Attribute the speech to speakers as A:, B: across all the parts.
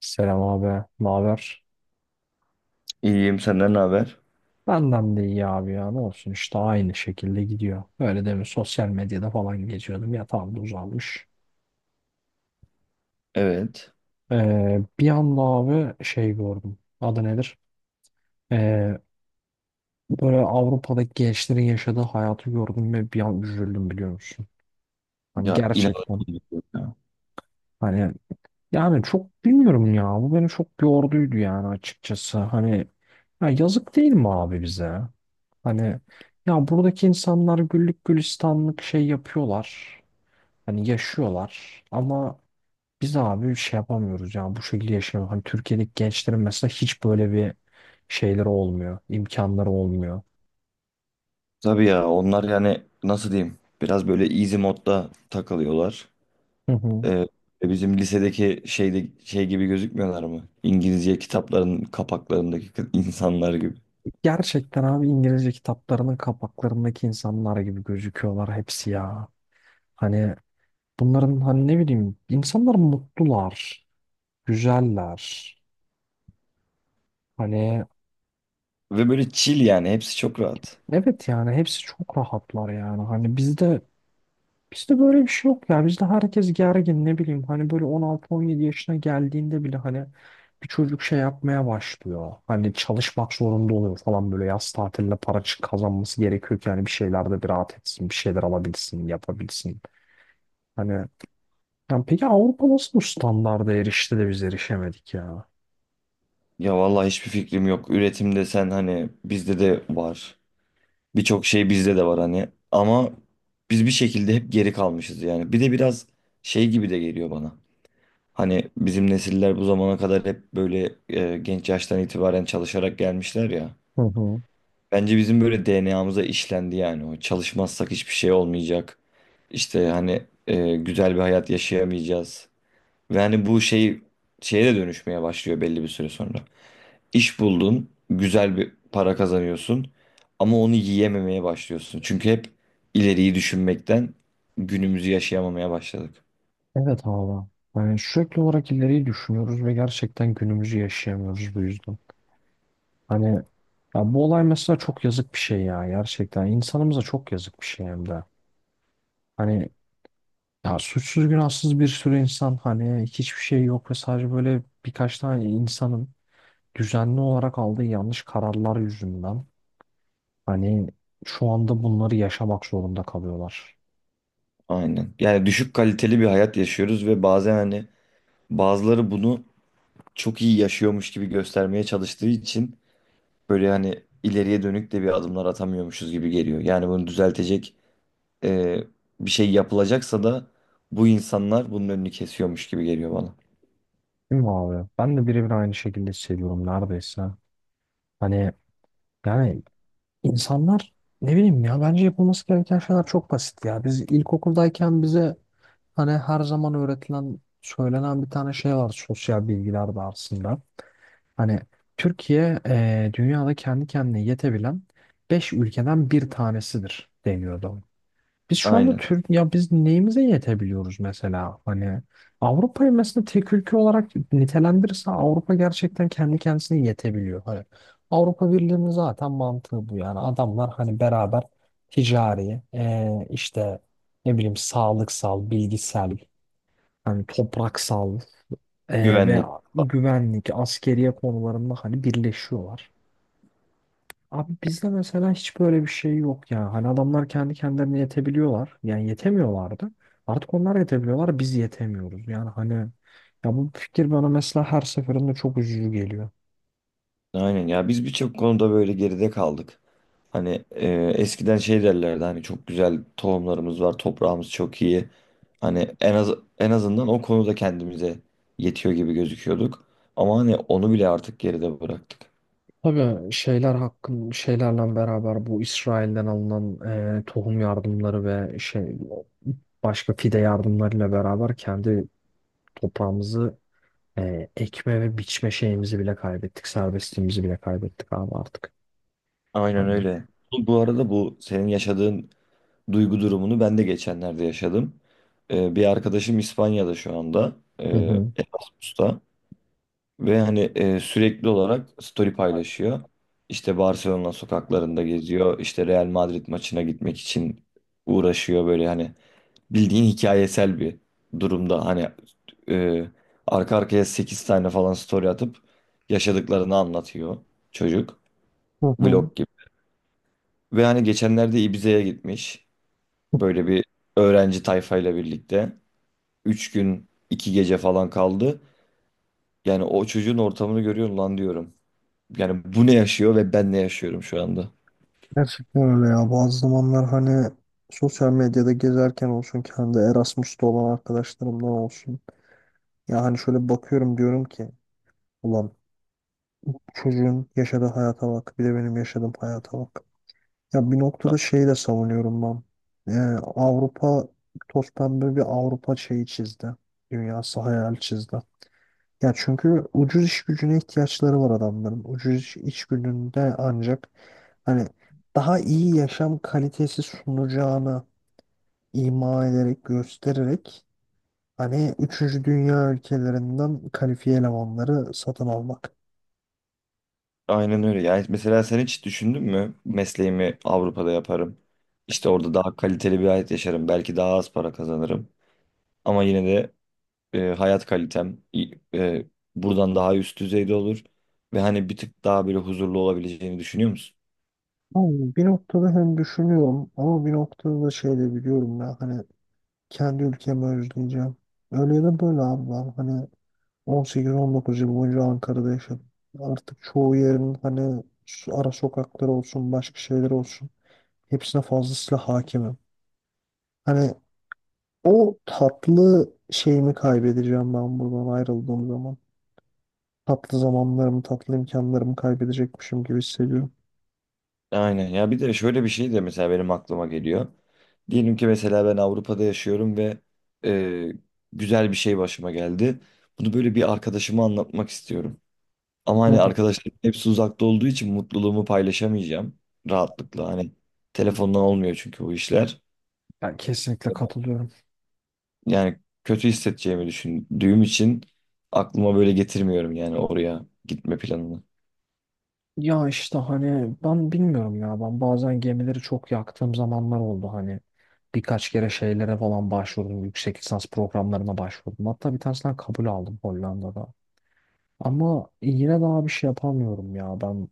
A: Selam abi. Ne haber?
B: İyiyim, senden ne haber?
A: Benden de iyi abi ya. Ne olsun işte, aynı şekilde gidiyor. Öyle demin sosyal medyada falan geziyordum. Yatağımda uzanmış.
B: Evet.
A: Bir anda abi şey gördüm. Adı nedir? Ee, Böyle Avrupa'daki gençlerin yaşadığı hayatı gördüm ve bir an üzüldüm, biliyor musun? Hani
B: Ya
A: gerçekten,
B: inanılmaz, ya.
A: hani yani çok bilmiyorum ya. Bu beni çok yorduydu yani, açıkçası. Hani, ya yazık değil mi abi bize? Hani ya, buradaki insanlar güllük gülistanlık şey yapıyorlar. Hani yaşıyorlar ama biz abi şey yapamıyoruz ya, bu şekilde yaşayamıyoruz. Hani Türkiye'deki gençlerin mesela hiç böyle bir şeyleri olmuyor, imkanları olmuyor.
B: Tabii ya, onlar yani nasıl diyeyim, biraz böyle easy modda takılıyorlar.
A: Hı hı.
B: Ee, Bizim lisedeki şeyde şey gibi gözükmüyorlar mı? İngilizce kitapların kapaklarındaki insanlar gibi.
A: Gerçekten abi, İngilizce kitaplarının kapaklarındaki insanlar gibi gözüküyorlar hepsi ya. Hani bunların, hani ne bileyim, insanlar mutlular, güzeller. Hani
B: Ve böyle chill, yani hepsi çok rahat.
A: evet, yani hepsi çok rahatlar yani. Hani bizde, bizde böyle bir şey yok ya. Bizde herkes gergin, ne bileyim. Hani böyle 16-17 yaşına geldiğinde bile hani bir çocuk şey yapmaya başlıyor. Hani çalışmak zorunda oluyor falan, böyle yaz tatiline para çık- kazanması gerekiyor ki hani bir şeylerde bir rahat etsin, bir şeyler alabilsin, yapabilsin. Hani yani, peki Avrupa nasıl bu standarda erişti de biz erişemedik ya?
B: Ya vallahi hiçbir fikrim yok. Üretim desen hani bizde de var. Birçok şey bizde de var hani. Ama biz bir şekilde hep geri kalmışız yani. Bir de biraz şey gibi de geliyor bana. Hani bizim nesiller bu zamana kadar hep böyle genç yaştan itibaren çalışarak gelmişler ya.
A: Hı hı.
B: Bence bizim böyle DNA'mıza işlendi yani o. Çalışmazsak hiçbir şey olmayacak. İşte hani güzel bir hayat yaşayamayacağız. Ve hani bu şey şeye de dönüşmeye başlıyor belli bir süre sonra. İş buldun, güzel bir para kazanıyorsun ama onu yiyememeye başlıyorsun. Çünkü hep ileriyi düşünmekten günümüzü yaşayamamaya başladık.
A: Evet abi. Yani sürekli olarak ileriyi düşünüyoruz ve gerçekten günümüzü yaşayamıyoruz bu yüzden. Hani ya, bu olay mesela çok yazık bir şey ya, gerçekten. İnsanımıza çok yazık bir şey hem de. Hani ya, suçsuz günahsız bir sürü insan, hani hiçbir şey yok ve sadece böyle birkaç tane insanın düzenli olarak aldığı yanlış kararlar yüzünden hani şu anda bunları yaşamak zorunda kalıyorlar.
B: Aynen. Yani düşük kaliteli bir hayat yaşıyoruz ve bazen hani bazıları bunu çok iyi yaşıyormuş gibi göstermeye çalıştığı için böyle hani ileriye dönük de bir adımlar atamıyormuşuz gibi geliyor. Yani bunu düzeltecek e, bir şey yapılacaksa da bu insanlar bunun önünü kesiyormuş gibi geliyor bana.
A: Değil mi abi? Ben de birebir aynı şekilde hissediyorum neredeyse. Hani yani, insanlar, ne bileyim ya, bence yapılması gereken şeyler çok basit ya. Biz ilkokuldayken bize, hani her zaman öğretilen, söylenen bir tane şey var sosyal bilgiler dersinde. Hani Türkiye dünyada kendi kendine yetebilen 5 ülkeden bir tanesidir deniyordu. Biz şu anda
B: Aynen.
A: Türk ya, biz neyimize yetebiliyoruz mesela? Hani Avrupa'yı mesela tek ülke olarak nitelendirirse, Avrupa gerçekten kendi kendisine yetebiliyor. Hani Avrupa Birliği'nin zaten mantığı bu yani. Adamlar hani beraber ticari, işte ne bileyim, sağlıksal, bilgisel, hani topraksal, ve
B: Güvenlik.
A: güvenlik, askeriye konularında hani birleşiyorlar. Abi bizde mesela hiç böyle bir şey yok ya. Hani adamlar kendi kendilerine yetebiliyorlar. Yani yetemiyorlardı. Artık onlar yetebiliyorlar, biz yetemiyoruz. Yani hani ya, bu fikir bana mesela her seferinde çok üzücü geliyor.
B: Aynen ya, biz birçok konuda böyle geride kaldık. Hani eskiden şey derlerdi, hani çok güzel tohumlarımız var, toprağımız çok iyi. Hani en az, en azından o konuda kendimize yetiyor gibi gözüküyorduk. Ama hani onu bile artık geride bıraktık.
A: Tabii şeyler hakkın şeylerle beraber, bu İsrail'den alınan tohum yardımları ve şey başka fide yardımlarıyla beraber kendi toprağımızı ekme ve biçme şeyimizi bile kaybettik. Serbestliğimizi bile kaybettik abi artık.
B: Aynen
A: Hani.
B: öyle. Bu, bu arada bu senin yaşadığın duygu durumunu ben de geçenlerde yaşadım. Bir arkadaşım İspanya'da şu anda.
A: Hı hı.
B: Erasmus'ta. Ve hani sürekli olarak story paylaşıyor. İşte Barcelona sokaklarında geziyor. İşte Real Madrid maçına gitmek için uğraşıyor, böyle hani bildiğin hikayesel bir durumda. Hani e, arka arkaya 8 tane falan story atıp yaşadıklarını anlatıyor çocuk.
A: Hı hı.
B: Vlog gibi. Ve hani geçenlerde Ibiza'ya gitmiş. Böyle bir öğrenci tayfayla birlikte. Üç gün 2 gece falan kaldı. Yani o çocuğun ortamını görüyorum, lan diyorum. Yani bu ne yaşıyor ve ben ne yaşıyorum şu anda?
A: Gerçekten öyle ya. Bazı zamanlar hani sosyal medyada gezerken olsun, kendi Erasmus'ta olan arkadaşlarımdan olsun. Ya hani şöyle bakıyorum, diyorum ki ulan, çocuğun yaşadığı hayata bak, bir de benim yaşadığım hayata bak. Ya bir noktada şeyi de savunuyorum ben. Yani Avrupa, toz pembe bir Avrupa şeyi çizdi. Dünyası hayal çizdi. Ya çünkü ucuz iş gücüne ihtiyaçları var adamların. Ucuz iş, iş gücünde ancak hani daha iyi yaşam kalitesi sunacağını ima ederek, göstererek hani üçüncü dünya ülkelerinden kalifiye elemanları satın almak.
B: Aynen öyle. Yani mesela sen hiç düşündün mü, mesleğimi Avrupa'da yaparım. İşte orada daha kaliteli bir hayat yaşarım. Belki daha az para kazanırım. Ama yine de hayat kalitem buradan daha üst düzeyde olur. Ve hani bir tık daha böyle huzurlu olabileceğini düşünüyor musun?
A: Ama bir noktada hem düşünüyorum, ama bir noktada da şey de biliyorum ya, hani kendi ülkemi özleyeceğim. Öyle ya da böyle abi, ben hani 18-19 yıl boyunca Ankara'da yaşadım. Artık çoğu yerin hani su- ara sokakları olsun, başka şeyler olsun, hepsine fazlasıyla hakimim. Hani o tatlı şeyimi kaybedeceğim ben buradan ayrıldığım zaman. Tatlı zamanlarımı, tatlı imkanlarımı kaybedecekmişim gibi hissediyorum.
B: Aynen ya, bir de şöyle bir şey de mesela benim aklıma geliyor. Diyelim ki mesela ben Avrupa'da yaşıyorum ve e, güzel bir şey başıma geldi. Bunu böyle bir arkadaşıma anlatmak istiyorum. Ama
A: Hı
B: hani
A: hı.
B: arkadaşlarım hepsi uzakta olduğu için mutluluğumu paylaşamayacağım rahatlıkla. Hani telefondan olmuyor çünkü bu işler.
A: Ben kesinlikle katılıyorum.
B: Yani kötü hissedeceğimi düşündüğüm için aklıma böyle getirmiyorum yani, oraya gitme planını.
A: Ya işte hani ben bilmiyorum ya, ben bazen gemileri çok yaktığım zamanlar oldu, hani birkaç kere şeylere falan başvurdum, yüksek lisans programlarına başvurdum, hatta bir tanesinden kabul aldım Hollanda'da, ama yine daha bir şey yapamıyorum ya ben,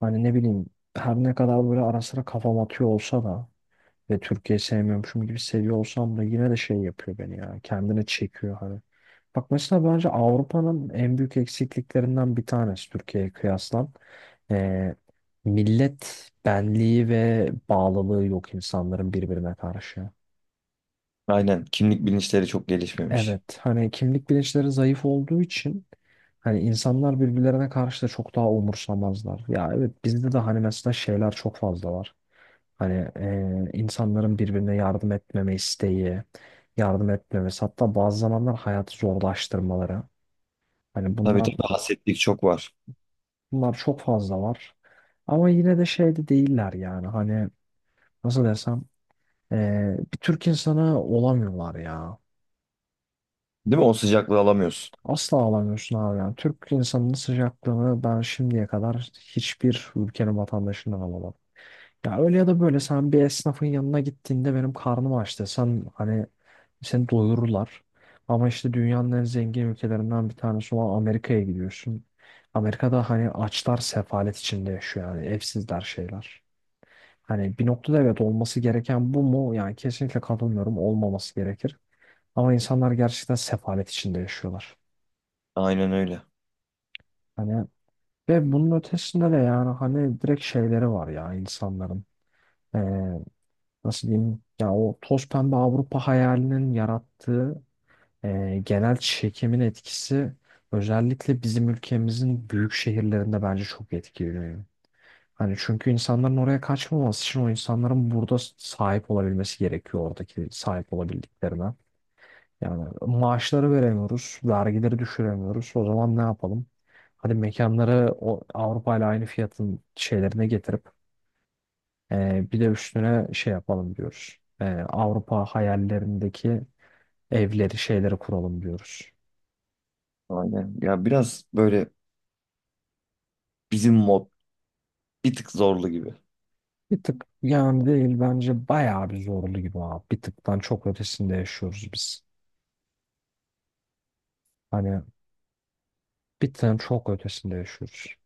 A: hani ne bileyim, her ne kadar böyle ara sıra kafam atıyor olsa da ve Türkiye'yi sevmiyormuşum gibi seviyor olsam da, yine de şey yapıyor beni, ya kendine çekiyor hani. Bak mesela bence Avrupa'nın en büyük eksikliklerinden bir tanesi Türkiye'ye kıyasla. Ee, Millet benliği ve bağlılığı yok insanların birbirine karşı.
B: Aynen, kimlik bilinçleri çok gelişmemiş.
A: Evet, hani kimlik bilinçleri zayıf olduğu için hani insanlar birbirlerine karşı da çok daha umursamazlar. Ya evet, bizde de hani mesela şeyler çok fazla var. Hani insanların birbirine yardım etmeme isteği, yardım etmemesi, hatta bazı zamanlar hayatı zorlaştırmaları. Hani
B: Tabii,
A: bunlar
B: tabii, hasetlik çok var.
A: bunlar çok fazla var. Ama yine de şeyde değiller yani, hani nasıl desem, bir Türk insana olamıyorlar ya.
B: Değil mi? O sıcaklığı alamıyorsun.
A: Asla olamıyorsun abi yani. Türk insanının sıcaklığını ben şimdiye kadar hiçbir ülkenin vatandaşından alamadım. Ya öyle ya da böyle, sen bir esnafın yanına gittiğinde benim karnım aç desen hani seni doyururlar. Ama işte dünyanın en zengin ülkelerinden bir tanesi olan Amerika'ya gidiyorsun. Amerika'da hani açlar sefalet içinde yaşıyor yani, evsizler, şeyler. Hani bir noktada evet, olması gereken bu mu? Yani kesinlikle katılmıyorum, olmaması gerekir. Ama insanlar gerçekten sefalet içinde yaşıyorlar.
B: Aynen öyle.
A: Hani ve bunun ötesinde de yani, hani direkt şeyleri var ya insanların. Ee, Nasıl diyeyim? Ya o toz pembe Avrupa hayalinin yarattığı genel çekimin etkisi özellikle bizim ülkemizin büyük şehirlerinde bence çok etkiliyor. Hani çünkü insanların oraya kaçmaması için, o insanların burada sahip olabilmesi gerekiyor oradaki sahip olabildiklerine. Yani maaşları veremiyoruz, vergileri düşüremiyoruz. O zaman ne yapalım? Hadi mekanları o Avrupa ile aynı fiyatın şeylerine getirip bir de üstüne şey yapalım diyoruz. Avrupa hayallerindeki evleri, şeyleri kuralım diyoruz.
B: Aynen. Ya biraz böyle bizim mod bir tık zorlu gibi.
A: Bir tık yani değil, bence bayağı bir zorlu gibi abi. Bir tıktan çok ötesinde yaşıyoruz biz. Hani bir tıktan çok ötesinde yaşıyoruz.